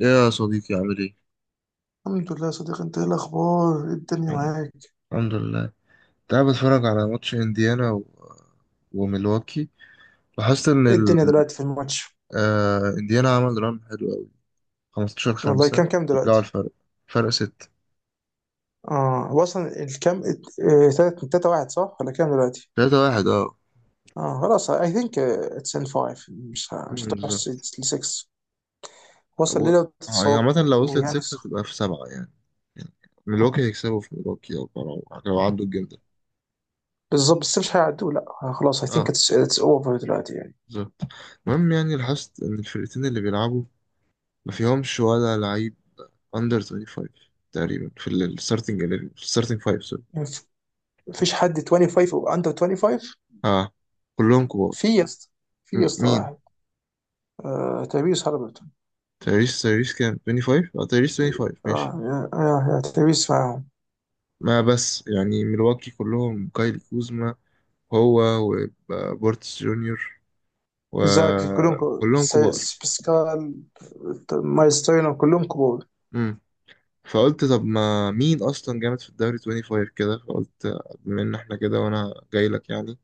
يا صديقي عامل ايه؟ الحمد لله يا صديقي، انت ايه الاخبار؟ ايه الدنيا الحمد معاك؟ الحمد لله. كنت قاعد بتفرج على ماتش انديانا و... وميلواكي. لاحظت ان ايه الدنيا دلوقتي في الماتش؟ انديانا عمل ران حلو قوي. 15 والله 5، كام رجعوا دلوقتي؟ الفرق، فرق 6. اه، هو اصلا الكام، تلاتة تلاتة واحد صح، ولا كام دلوقتي؟ 3 1 اه. اه خلاص، اي ثينك اتس ان فايف. مش هتروح بالظبط. ل 6. وصل و... ليه آه، لو يعني تتصاب عامة لو وصلت 6 ويانس. هتبقى في 7 يعني. يعني ميلواكي هيكسبوا في ميلواكي او لو عدوا الجيم ده. بالظبط، بس مش هيعدوا لا، اه، خلاص. اي ثينك اه اتس اوفر دلوقتي يعني. بالظبط. المهم يعني لاحظت ان الفرقتين اللي بيلعبوا ما فيهمش ولا لعيب اندر 25 تقريبا في الستارتنج، في الستارتنج 5. سوري. مف- مفيش حد 25 او اندر 25. اه كلهم كبار. في يا اسطى، في يا اسطى مين؟ واحد. آه، تبيس هربت. تايريس، تايريس كام؟ 25؟ اه تايريس 25 ماشي. اه، يا تبيس معاهم. ما بس يعني ملواكي كلهم كايلي كوزما هو وبورتس جونيور اكزاكتلي، كلهم كبار. وكلهم كبار. باسكال، مايلز تاينر، كلهم كبار. امم فقلت طب ما مين اصلا جامد في الدوري 25 كده، فقلت بما ان احنا كده وانا جاي لك يعني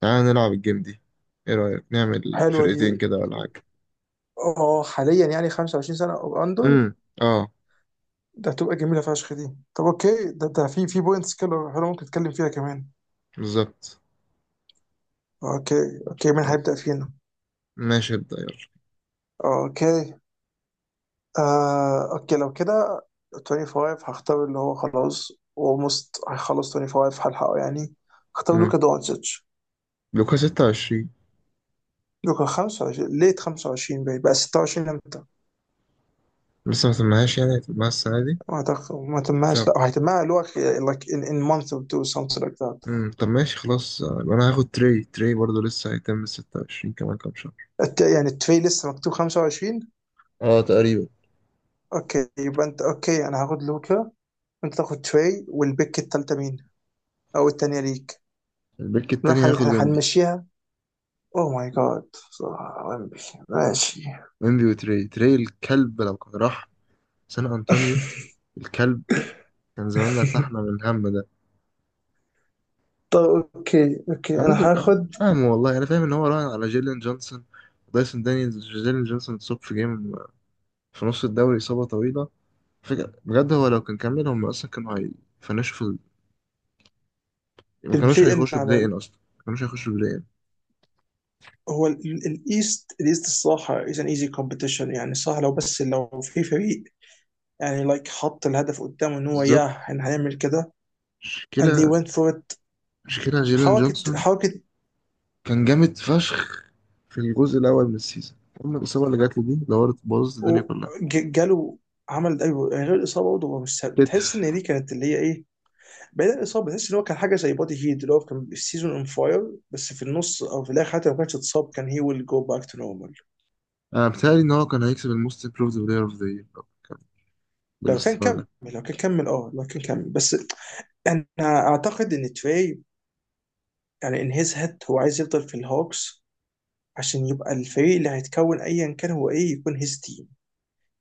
تعالى نلعب الجيم دي. ايه رأيك نعمل حلوه دي. فرقتين كده ولا حاجة؟ اه، حاليا يعني 25 سنه او اندر. امم اه ده هتبقى جميله فشخ دي. طب اوكي، ده في بوينتس كده حلوه، ممكن نتكلم فيها كمان. بالظبط. اوكي. اوكي، مين هيبدا فينا؟ ماشي ابدأ يلا. اوكي. آه، اوكي لو كده 25 هختار اللي هو خلاص اولموست هيخلص. 25 هلحقه يعني. هختار مم. لوكا دونتش. لوكا 26. لوكا 25، ليت 25. بقى 26 امتى؟ لسه ما سمعهاش، يعني هتبقى السنة دي. ما أعتقد ما تمهاش، بتاع. لا، هيتمها اللي هو like in month or two something like that. مم. طب ماشي خلاص، يبقى أنا هاخد تري، تري برضه لسه هيتم 26 كمان كام شهر. يعني التري لسه مكتوب 25. اه تقريبا. اوكي، يبقى انت اوكي، انا هاخد لوكا وانت تاخد تري، والبيك التالتة مين؟ او التانية ليك. البيك التاني هياخد ويمبي. هنمشيها. اوه ماي جاد. ماشي. ويمبي وتري، تري الكلب لو كان راح سان أنطونيو، الكلب، كان زماننا ارتحنا من الهم ده. طب اوكي، اوكي أنا انا مدرك، أنا هاخد. مش فاهم والله، أنا فاهم إن هو راهن على جيلين جونسون. دايسون دانيالز، جيلين جونسون اتصاب في جيم في نص الدوري، إصابة طويلة. فكرة بجد هو لو كان كمل هم أصلا كانوا هيفنشوا. ما كانوش البلاي ان هيخشوا على بلاي ان اصلا، ما كانوش هيخشوا بلاي ان. هو الايست، الصراحه از ان ايزي كومبيتيشن، يعني صح، لو بس لو في فريق، يعني لايك حط الهدف قدامه ان هو بالظبط. ياه احنا هنعمل كده. And they مشكلة went for it. مشكلة جيلين حركة جونسون. حركة. كان جامد فشخ في الجزء الأول من السيزون. أما الإصابة اللي جات له دي دورت بوظت الدنيا و- كلها. جاله. عمل ده يعني، غير الاصابه برضه هو مش سهل. تحس كتف. ان دي كانت اللي هي ايه، بعيد عن الاصابه، تحس ان هو كان حاجه زي بودي هيد اللي هو كان السيزون اون فاير، بس في النص او في الاخر، حتى لو ما كانش اتصاب، كان هي ويل جو باك تو نورمال. أنا بتهيألي إن هو كان هيكسب الموست امبروفد بلاير أوف ذا يير لو كان بالاستمرار كمل، ده. لو كان كمل، اه، لو كان كمل بس. انا اعتقد ان تري، يعني ان هيز هيد هو عايز يفضل في الهوكس، عشان يبقى الفريق اللي هيتكون ايا كان، هو ايه، يكون هيز تيم.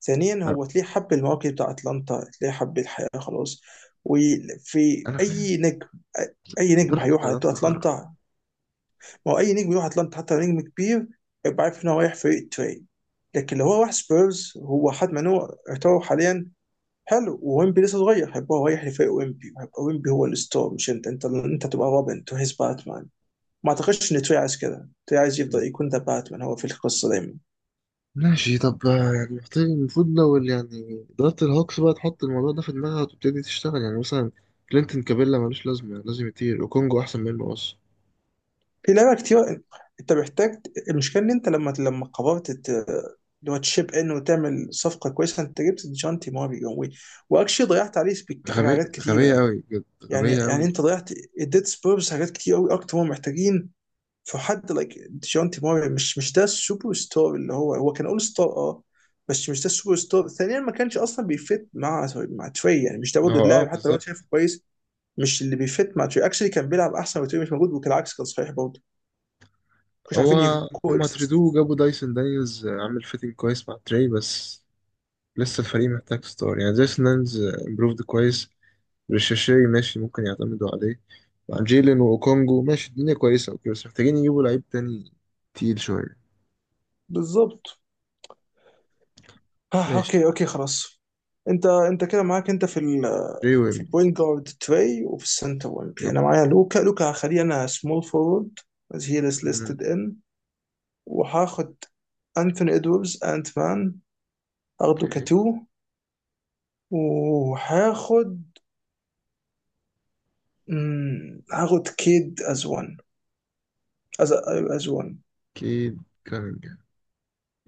ثانيا، آه، هو تلاقيه حب المواقف بتاع اتلانتا، تلاقيه حب الحياه خلاص. وفي أنا فاهم. اي نجم، اي نجم إدارة هيروح على قدرات تخرج. اتلانتا، ما هو اي نجم يروح اتلانتا حتى لو نجم كبير، يبقى عارف ان هو رايح فريق تري. لكن لو هو راح سبيرز، هو حد من هو يعتبر حاليا حلو، وويمبي لسه صغير، هيبقى هو رايح لفريق ويمبي. هيبقى ويمبي هو الستار، مش انت. انت تبقى روبن تو هيز باتمان. ما اعتقدش ان تري عايز كده. تري عايز يفضل يكون ذا باتمان هو في القصه دايما. ماشي. طب يعني محتاج، المفروض لو يعني إدارة الهوكس بقى تحط الموضوع ده في دماغها وتبتدي تشتغل يعني. مثلا كلينتون كابيلا ملوش لازمة، لازم يطير وكونجو أحسن منه أصلا. في لعبة كتير. انت محتاج. المشكلة ان انت لما قررت اللي هو تشيب ان وتعمل صفقة كويسة، انت جبت جونتي ماريو واكشلي ضيعت عليه غبية حاجات كتيرة غبية يعني. أوي بجد، يعني غبية يعني أوي. انت ضيعت، اديت سبيرز حاجات كتير قوي اكتر هم محتاجين. في حد لايك جونتي ماريو، مش ده السوبر ستار اللي هو كان اول ستار، اه، بس مش ده السوبر ستار. ثانيا، ما كانش اصلا بيفت مع تري، يعني مش ده ما برضه هو اه اللاعب حتى لو انت بالظبط. شايفه كويس. مش اللي بيفت مع تري. اكشلي كان بيلعب احسن وتري مش موجود، وكالعكس كان صحيح برضه. مش هو عارفين يكو هما تريدوه اكزيست. وجابوا دايسون دانيلز، عامل فيتنج كويس مع تري بس لسه الفريق محتاج ستار. يعني دايسون دانيلز امبروفد كويس، ريشاشي ماشي ممكن يعتمدوا عليه. مع جيلين وأوكونجو ماشي الدنيا كويسة أوكي، بس محتاجين يجيبوا لعيب تاني تقيل شوية. بالظبط. آه، ماشي. اوكي، اوكي خلاص. انت كده معاك، انت في ال، تري، في ويمبي. البوينت جارد تري، وفي السنتر وينج يب. انا معايا لوكا. هخليه انا سمول فورورد as he is مم، listed in. وهاخد انثوني ادوردز، انت مان، هاخده اوكي. كتو. وهاخد، هاخد كيد از وان. از از وان. كيد كامينجهام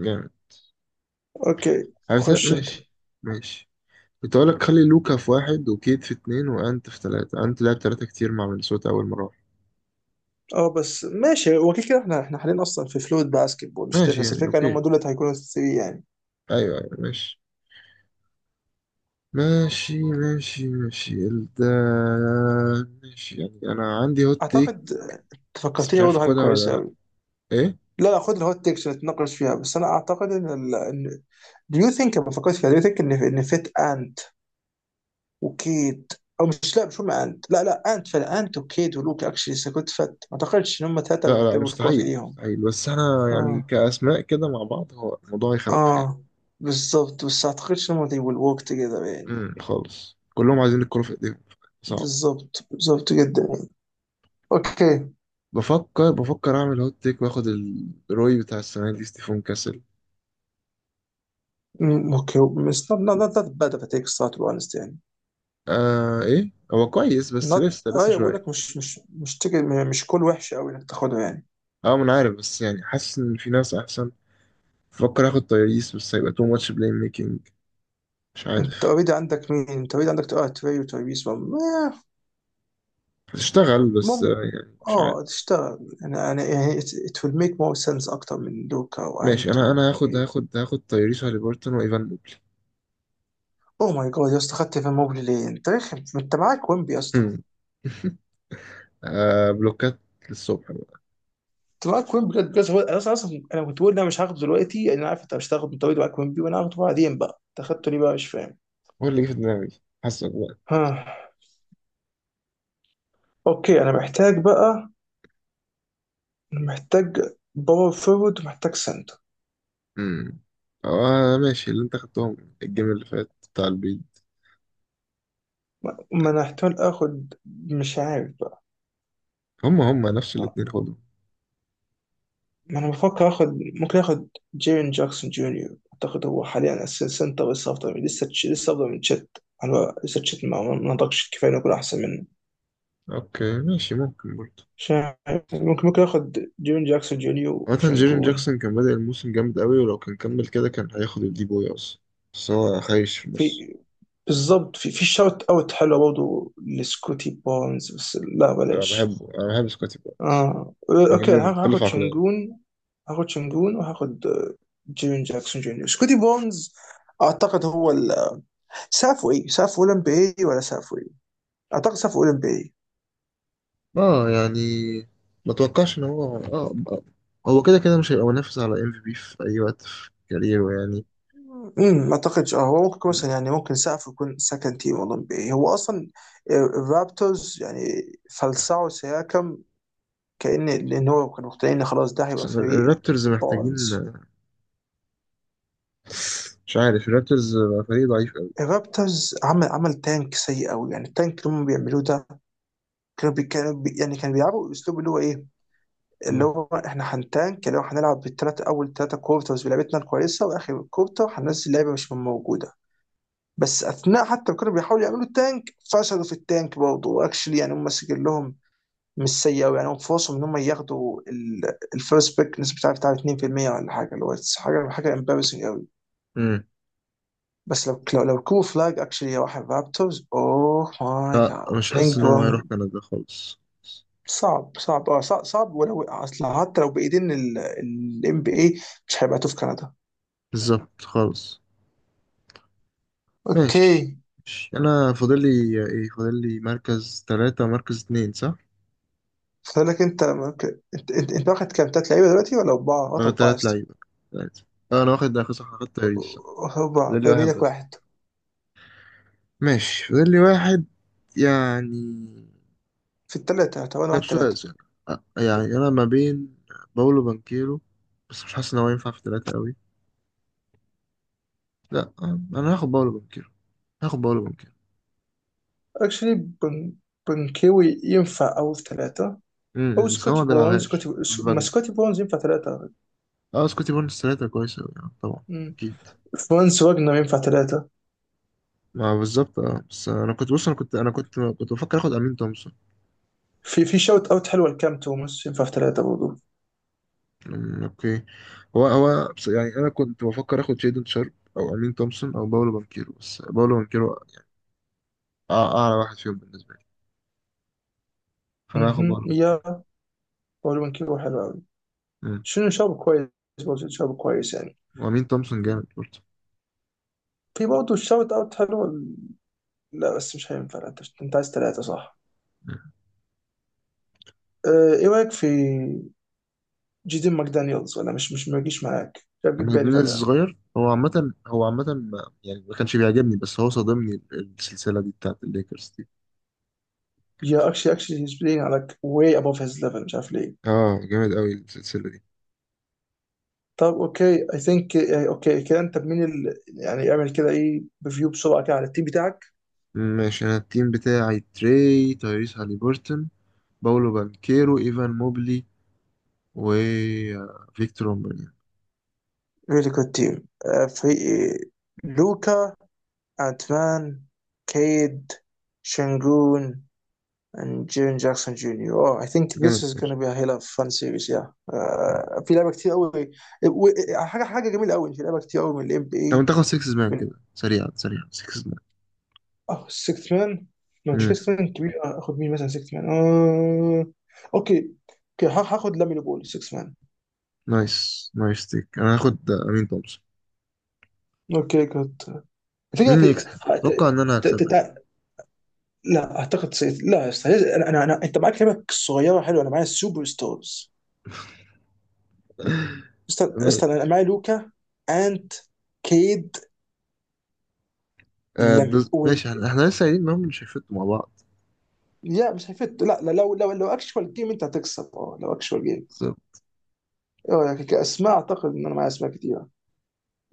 جامد. اوكي. خش انت. ماشي. ماشي. كنت اقول لك خلي لوكا في واحد وكيت في اتنين وانت في تلاتة، انت لعب تلاتة كتير مع مينيسوتا اول ما راح. اه، بس ماشي، هو كده كده احنا حاليا اصلا في فلويد باسكت بول، مش ماشي تفرس يعني الفكره ان هم اوكي. دول اللي هيكونوا الثري يعني. ايوه ايوه ماشي. ماشي ده. ماشي يعني انا عندي هوت تيك اعتقد بس مش فكرتني عارف برضه حاجه اخدها ولا كويسه لا. قوي. ايه؟ لا لا، خد الهوت تيكس نتناقش فيها، بس انا اعتقد ان ال... ان دو يو ثينك لما فكرت فيها، دو يو ثينك ان فيت انت وكيد، او مش، لا مش هم انت، لا لا، انت فعلا انت وكيد ولوك اكشلي سكوت فت. ما اعتقدش ان هم ثلاثه لا لا بيحتاجوا الكوره في مستحيل ايديهم. مستحيل، بس انا يعني اه. كاسماء كده مع بعض هو الموضوع يخوف يعني. اه، بالظبط، بس ما اعتقدش ان هم they will work together يعني. خالص كلهم عايزين الكرة في ايديهم، صعب. بالظبط، بالظبط جدا يعني. اوكي. بفكر اعمل هوت تيك واخد الروي بتاع السنة دي ستيفون كاسل. اوكي. مش not that bad of a take، الصراحه to be honest يعني. آه ايه هو كويس بس Not. لسه ايوه، بقول شويه. لك مش تجي، مش كل وحش قوي انك تاخده يعني. اه ما انا عارف بس يعني حاسس ان في ناس احسن. بفكر اخد تايريس بس هيبقى تو ماتش بلاي ميكنج. مش انت عارف. اوريدي عندك مين؟ انت اوريدي عندك، اه، تري وتايبيس، مم. هتشتغل بس يعني مش عارف. اه، تشتغل، انا يعني it will make more sense اكتر من لوكا ماشي وانت انا و... انا هاخد تايريس وهاليبرتون وايفان موبلي. اوه ماي جاد يا اسطى، خدت في موبلي ليه؟ انت رخم، انت معاك ويمبي يا اسطى. هم. آه بلوكات للصبح بقى. انت معاك ويمبي بجد بجد. هو انا أصلاً انا كنت بقول إن انا مش هاخده دلوقتي، لأن انا عارف انت مش هتاخده. انت اوريدي معاك ويمبي، وانا هاخده بعدين بقى. انت خدته ليه بقى؟ مش فاهم. هو اللي جه في دماغي، حاسك بقى. ها؟ اوكي، انا محتاج بقى، أنا محتاج باور فورورد ومحتاج سنتر. امم. آه ماشي اللي انت خدتهم الجيم اللي فات بتاع البيض. ما انا احتمال اخد، مش عارف بقى. هم نفس الاتنين خدهم. ما انا بفكر اخد، ممكن اخد جيرين جاكسون جونيور. اعتقد هو حاليا اساسا سنتر. لسه لسه افضل من تشيت. انا لسه تشيت ما نضجش كفايه انه يكون احسن منه. اوكي ماشي، ممكن برضه. مش عارف. ممكن، اخد جيرين جاكسون جونيور عامة جيرين وشنجون. جاكسون كان بادئ الموسم جامد قوي، ولو كان كمل كده كان هياخد الدي بوي أصلا، بس هو خايش في النص. في، بالظبط. في شوت اوت حلو برضه لسكوتي بونز، بس لا أنا بلاش. بحبه، أنا بحب سكوتي بقى، اه، اوكي، مجنون متخلف هاخد عقليا. شنجون. هاخد شنجون وهاخد، آه، جيرين جاكسون جونيور، سكوتي بونز. اعتقد هو سافو ايه، سافو اولمبي إيه، ولا سافو ايه. اعتقد سافو اولمبي إيه. اه يعني ما اتوقعش ان هو اه آه. هو كده كده مش هيبقى منافس على ام في بي في اي وقت في كاريره يعني. امم، ما اعتقدش، اه، هو ممكن مم. مثلا يعني ممكن سقف يكون سكند تيم اولمبي إيه. هو اصلا الرابترز يعني فلسعوا سياكم، لان هو كانوا مقتنعين إن خلاص ده بس هيبقى فريق الرابترز محتاجين. بونز. مش عارف، الرابترز بقى فريق ضعيف قوي. الرابترز عمل تانك سيء قوي. يعني التانك اللي هم بيعملوه ده، كانوا بي كانوا بي يعني كانوا بيلعبوا الاسلوب اللي هو ايه، اللي مم. هو احنا هنتانك، اللي هو هنلعب بالثلاث اول ثلاثه كورترز بلعبتنا الكويسه، واخر كورتر هننزل لعيبه مش موجوده. بس اثناء حتى ما كانوا بيحاولوا يعملوا التانك، فشلوا في التانك برضه. واكشلي يعني هم سجل لهم مش سيء قوي يعني. هم فرصهم ان هم ياخدوا الفيرست بيك نسبه بتاع 2% ولا حاجه، اللي هو حاجه، امبارسنج قوي. مم. بس لو، كو فلاج اكشلي راح الرابترز، اوه ماي لا مش جاد. حاسس ان هو انجرام هيروح كندا خالص. صعب. صعب، اه، صعب، صعب. ولو اصل حتى لو بايدين، الام بي اي مش هيبقى في كندا. بالظبط خالص. اوكي. ماشي. ماشي. انا فاضل لي ايه؟ فاضل لي مركز ثلاثة، مركز اتنين صح. فقال لك انت ممكن، انت واخد كام تلات لعيبه دلوقتي ولا اربعه؟ واخد واخد اربعه يا تلات اسطى. لعيبة، تلاتة. اه انا واخد اخر صح، واخد تاريخ صح. اربعه، فاضل لي باقي واحد لك بس. واحد. ماشي فاضل لي واحد يعني. في الثلاثه، طب انا ده واحد بسؤال ثلاثه. سهل. أ- يعني انا ما بين باولو بانكيرو، بس مش حاسس ان هو ينفع في ثلاثة قوي. لا انا هاخد باولو بانكيرو. هاخد باولو بانكيرو. اكشلي بنكيوي ينفع او في ثلاثه، م- او م، بس هو ما سكوتي بونز. بيلعبهاش ما فاجن. سكوتي بونز ينفع ثلاثه. اه سكوتي بونس ثلاثة كويسة أوي، طبعا مم. اكيد. فرانس واجنر ينفع ثلاثه. ما بالظبط اه بس انا كنت بص، انا كنت انا كنت كنت بفكر اخد امين تومسون. في شوت اوت حلوه لكام توماس ينفع في ثلاثه برضه. اوكي. هو بس يعني انا كنت بفكر اخد شيدن شارب او امين تومسون او باولو بانكيرو، بس باولو بانكيرو اعلى واحد فيهم بالنسبه لي، فانا هاخد مهم. باولو بانكيرو. يا بولو بنكيوي حلو قوي. أمم، شنو شاب كويس، برضه شاب كويس يعني. وامين تومسون جامد برضه. في برضه الشوت اوت حلو. لا بس مش هينفع، لا، أنت عايز ثلاثة صح؟ أمم. آه، ايه رايك في جيدين ماكدانيالز؟ ولا مش مش ما يجيش معاك؟ مش عارف، جيب بالي ماجنيز فجأة. صغير، هو عامه يعني ما كانش بيعجبني بس هو صادمني السلسله دي بتاعت الليكرز دي. يا، اكشلي، هيز بلاينج على واي ابوف هيز ليفل، مش عارف ليه. اه جامد قوي السلسله دي. طب اوكي، اي ثينك اوكي كده. انت بمين ال... يعني اعمل كده، ايه، ريفيو بسرعة كده على التيم بتاعك. ماشي انا التيم بتاعي تري، تايريس هاليبرتون، باولو بانكيرو، ايفان موبلي، وفيكتور اومبانيا. ريلي جود تيم. فريق لوكا، انت مان، كيد، شنجون and Jaren Jackson Jr. Oh, I think this جامد is فشخ. gonna be a hell of a fun series, yeah. مم. آه، في لعبة كتير قوي. و- حاجة جميلة قوي إن في لعبة كتير قوي من ال طب NBA. انت تاخد 6 مان من، كده، سريعا سريعا 6 مان. اه، 6 مان. مش كده مم. 6 مان كبير. آه، اخد مين مثلا 6 مان؟ آه... اوكي. اوكي هاخد لامين بول 6 مان. نايس نايس تيك. انا هاخد امين تومسون. اوكي جود. الفكرة مين في يكسب؟ ه- اتوقع ت- ان انا ت- هكسبها دي. ت- لا اعتقد لا يا أستاذ، انا انت معاك لعبة صغيرة حلوة، انا معايا سوبر ستارز. استنى ما- استنى، انا معايا لوكا. انت، كيد. لم ماشي احنا لسه قايلين ان هم مش هيفتوا مع بعض. لا مش هيفت، لا لا. لو اكشوال جيم انت هتكسب. اه، لو اكشوال جيم. طب، اه، يعني كاسماء اعتقد ان انا معايا اسماء كتيره.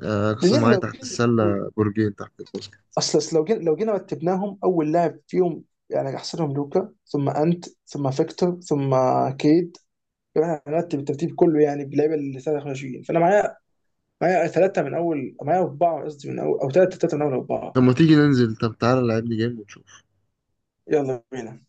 لان قصة احنا معايا لو تحت جينا، السلة، برجين تحت الباسكت. أصل لو جينا، رتبناهم اول لاعب فيهم. يعني احسنهم لوكا ثم انت ثم فيكتور ثم كيد. يعني احنا هنرتب الترتيب كله يعني باللعيبه اللي 23. فانا معايا، معايا ثلاثه من اول، معايا اربعه قصدي، من اول، او ثلاثه، من اول اربعه. طب ما تيجي ننزل، طب تعالى لعب لي جيم ونشوف. يلا بينا.